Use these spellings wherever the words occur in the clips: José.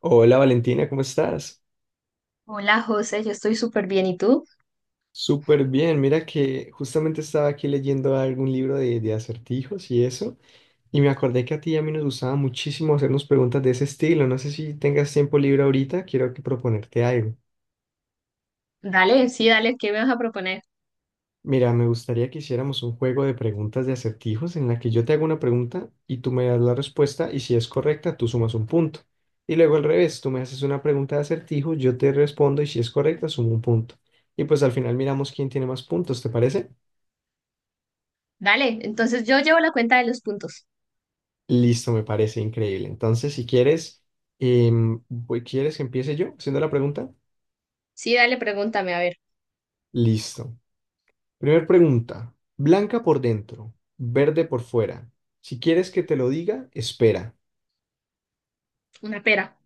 Hola Valentina, ¿cómo estás? Hola José, yo estoy súper bien. ¿Y tú? Súper bien, mira que justamente estaba aquí leyendo algún libro de acertijos y eso, y me acordé que a ti y a mí nos gustaba muchísimo hacernos preguntas de ese estilo, no sé si tengas tiempo libre ahorita, quiero que proponerte algo. Dale, sí, dale, ¿qué me vas a proponer? Mira, me gustaría que hiciéramos un juego de preguntas de acertijos en la que yo te hago una pregunta y tú me das la respuesta y si es correcta, tú sumas un punto. Y luego al revés, tú me haces una pregunta de acertijo, yo te respondo y si es correcta, sumo un punto. Y pues al final miramos quién tiene más puntos, ¿te parece? Dale, entonces yo llevo la cuenta de los puntos. Listo, me parece increíble. Entonces, si quieres, ¿quieres que empiece yo haciendo la pregunta? Sí, dale, pregúntame, a ver, Listo. Primer pregunta. Blanca por dentro, verde por fuera. Si quieres que te lo diga, espera. una pera.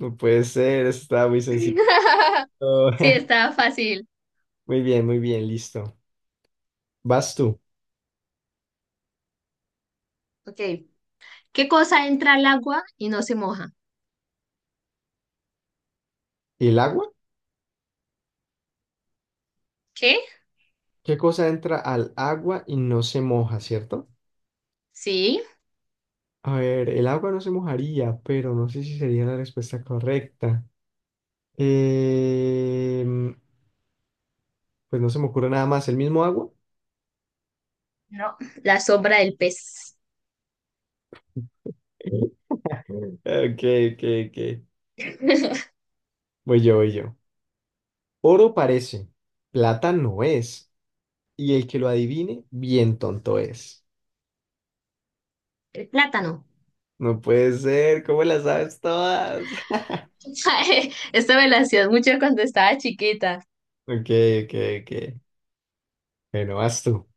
No puede ser, está muy sencillo. Sí, está fácil. Muy bien, listo. Vas tú. Ok. ¿Qué cosa entra al agua y no se moja? ¿El agua? ¿Qué? ¿Qué cosa entra al agua y no se moja, cierto? Sí, A ver, el agua no se mojaría, pero no sé si sería la respuesta correcta. Eh, Pues no se me ocurre nada más, el mismo agua. no, la sombra del pez. Ok, ok, ok. Voy yo, voy yo. Oro parece, plata no es, y el que lo adivine, bien tonto es. El plátano. No puede ser, ¿cómo las sabes todas? Esta me la hacías mucho cuando estaba chiquita. Ok, ok, ok. Bueno, vas tú.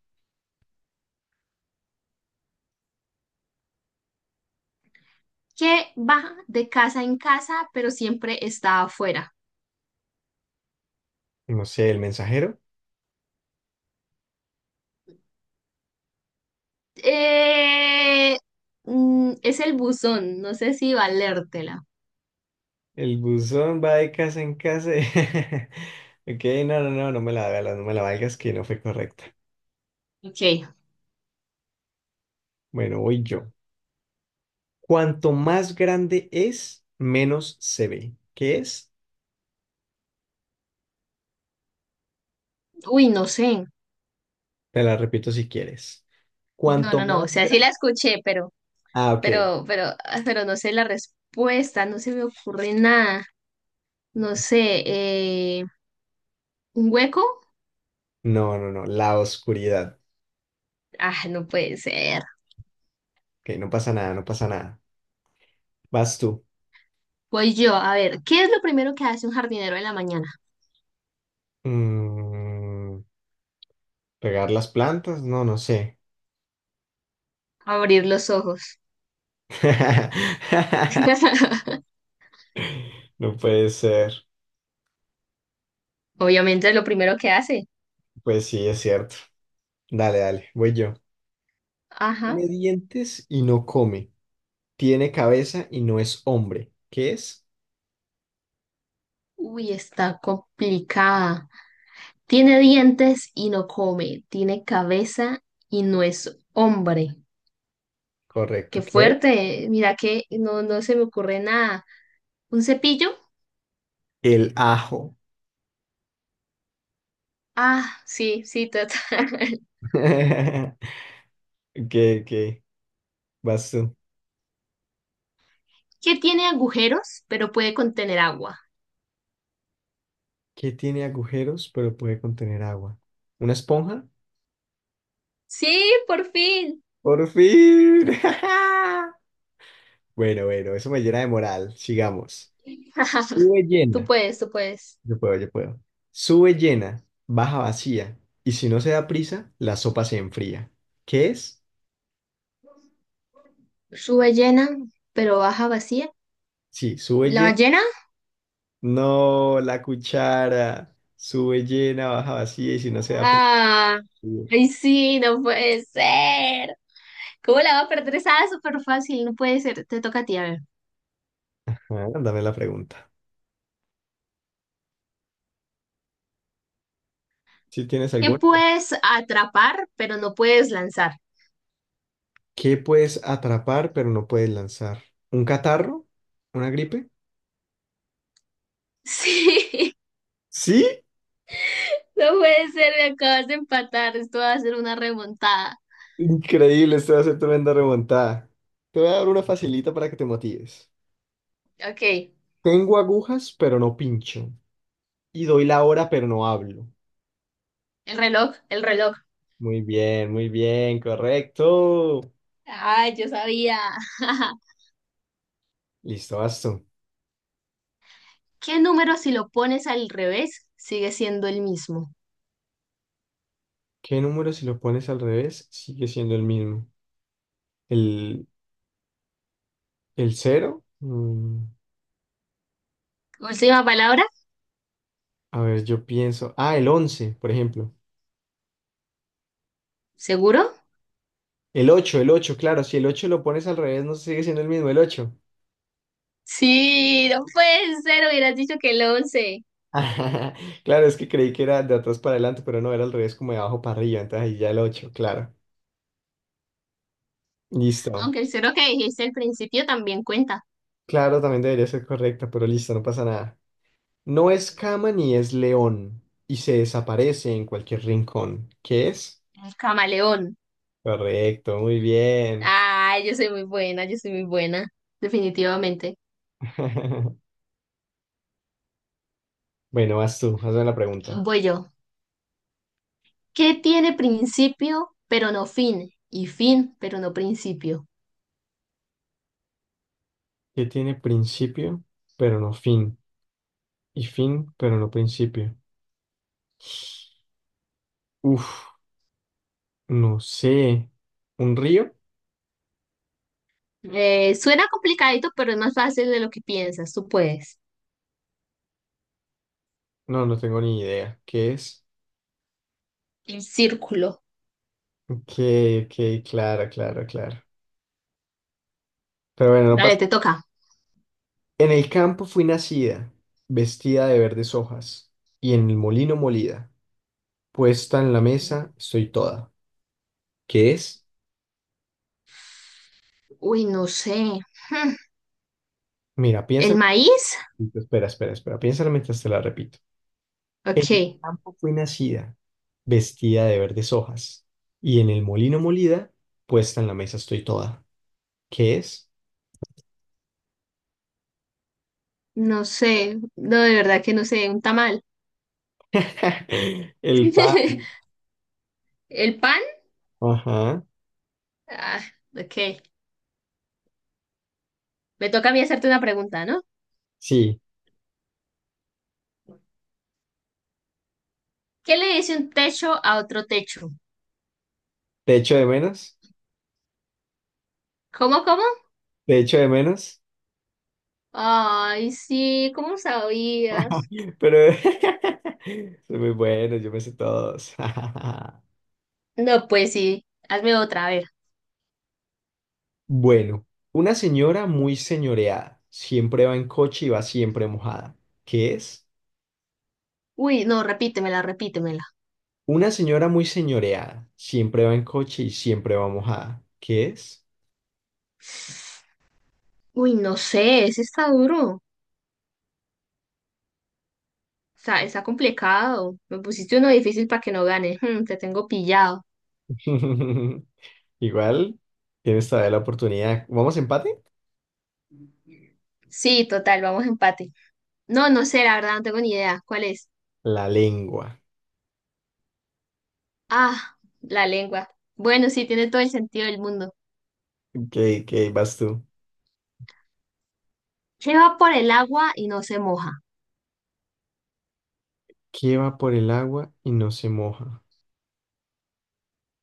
¿Qué va de casa en casa, pero siempre está afuera? No sé, el mensajero. Eh, es el buzón, no sé si valértela. El buzón va de casa en casa. Ok, no, no, no, no me la valgas, no me la valgas, que no fue correcta. Ok. Bueno, voy yo. Cuanto más grande es, menos se ve. ¿Qué es? Uy, no sé. Te la repito si quieres. No, Cuanto no, no. más O sea, sí grande. la escuché, Ah, ok. Pero no sé la respuesta, no se me ocurre nada. No sé, ¿un hueco? No, no, no. La oscuridad. Ah, no puede ser. Ok, no pasa nada, no pasa nada. Vas tú. Voy yo, a ver, ¿qué es lo primero que hace un jardinero en la mañana? Mm, ¿Regar las plantas? No, no sé. Abrir los ojos. No puede ser. Obviamente es lo primero que hace. Pues sí, es cierto. Dale, dale, voy yo. Ajá. Tiene dientes y no come. Tiene cabeza y no es hombre. ¿Qué es? Uy, está complicada. Tiene dientes y no come, tiene cabeza y no es hombre. Qué Correcto. ¿Qué? fuerte, mira que no, no se me ocurre nada. ¿Un cepillo? El ajo. Ah, sí, sí, total. Ok, ok. Vas tú. Que tiene agujeros, pero puede contener agua. ¿Qué tiene agujeros pero puede contener agua? ¿Una esponja? Sí, por fin. ¡Por fin! Bueno, bueno, eso me llena de moral. Sigamos. Sube Tú llena. puedes, tú puedes. Yo puedo, yo puedo. Sube llena, baja vacía. Y si no se da prisa, la sopa se enfría. ¿Qué es? Sube llena, pero baja vacía. Sí, sube ¿La llena. ballena? No, la cuchara. Sube llena, baja vacía y si no se da prisa. Ah, ay, sí, no puede ser. ¿Cómo la va a perder? Esa súper fácil, no puede ser. Te toca a ti, a ver. Ah, dame la pregunta. ¿Si tienes ¿Qué alguna? puedes atrapar, pero no puedes lanzar? ¿Qué puedes atrapar pero no puedes lanzar? ¿Un catarro? ¿Una gripe? Sí, ¿Sí? no puede ser, me acabas de empatar, esto va a ser una remontada. Increíble, esto va a ser tremenda remontada. Te voy a dar una facilita para que te motives. Ok, Tengo agujas pero no pincho. Y doy la hora pero no hablo. el reloj, el reloj. Muy bien, correcto. Ay, yo sabía. Listo, basta. ¿Qué número si lo pones al revés sigue siendo el mismo? ¿Qué número si lo pones al revés sigue siendo el mismo? ¿El, el cero? Última palabra, A ver, yo pienso. Ah, el 11, por ejemplo. ¿seguro? El 8, claro, si el 8 lo pones al revés, no sigue siendo el mismo el ocho. Sí, no puede ser, hubieras dicho que el once. Claro, es que creí que era de atrás para adelante, pero no, era al revés, como de abajo para arriba, entonces ahí ya el 8, claro. Listo. Aunque el cero que dijiste al principio también cuenta. Claro, también debería ser correcta, pero listo, no pasa nada. No es cama ni es león, y se desaparece en cualquier rincón. ¿Qué es? El camaleón. Correcto, muy bien. Ay, yo soy muy buena, yo soy muy buena. Definitivamente. Bueno, vas tú, hazme la pregunta. Voy yo. ¿Qué tiene principio pero no fin? Y fin pero no principio. ¿Qué tiene principio, pero no fin? Y fin, pero no principio. Uf. No sé. ¿Un río? Suena complicadito, pero es más fácil de lo que piensas. Tú puedes. No, no tengo ni idea. ¿Qué es? El círculo. Ok, ok, claro, claro, claro. Pero bueno, no Dale, pasa. te toca. En el campo fui nacida, vestida de verdes hojas, y en el molino molida, puesta en la mesa estoy toda. ¿Qué es? Uy, no sé. Hmm, Mira, ¿el piénsalo. maíz? Espera, espera, espera. Piénsalo mientras te la repito. En el Ok. campo fui nacida, vestida de verdes hojas, y en el molino molida, puesta en la mesa estoy toda. ¿Qué es? No sé. No, de verdad que no sé. Un tamal. El pan. ¿El pan? Ajá, Ah, ok. Me toca a mí hacerte una pregunta, ¿no? sí, ¿Qué le dice un techo a otro techo? te echo de menos, ¿Cómo, cómo? te echo de menos, Ay, sí, ¿cómo sabías? pero son muy buenos, yo me sé todos. No, pues sí, hazme otra, a ver. Bueno, una señora muy señoreada, siempre va en coche y va siempre mojada. ¿Qué es? Uy, no, repítemela, repítemela. Una señora muy señoreada, siempre va en coche y siempre va mojada. ¿Qué es? Uy, no sé, ese está duro. Está complicado. Me pusiste uno difícil para que no gane. Mm, te tengo pillado. Igual, tienes todavía la oportunidad. ¿Vamos a empate? Sí, total, vamos a empate. No, no sé, la verdad, no tengo ni idea. ¿Cuál es? La lengua. Ah, la lengua. Bueno, sí, tiene todo el sentido del mundo. ¿Qué vas tú? ¿Qué va por el agua y no se moja? ¿Qué va por el agua y no se moja?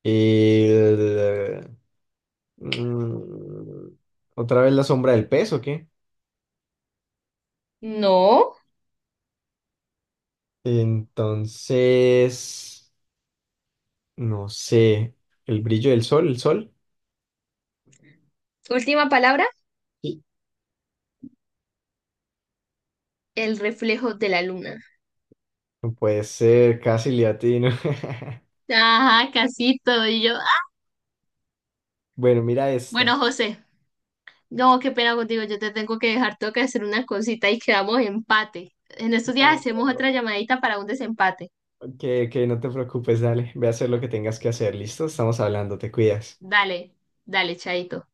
Y el- mm, otra vez la sombra del pez, ¿o qué? No. Entonces, no sé, el brillo del sol, el sol. Última palabra, Sí. el reflejo de la luna. No puede ser, casi le atino. Ajá, casito. Y yo. Ah. Bueno, mira esta. Bueno, José. No, qué pena contigo, yo te tengo que dejar, tengo que hacer una cosita y quedamos empate. En estos días No, hacemos otra llamadita para un desempate. que no te preocupes, dale, ve a hacer lo que tengas que hacer, ¿listo? Estamos hablando, te cuidas. Dale, dale, chaito.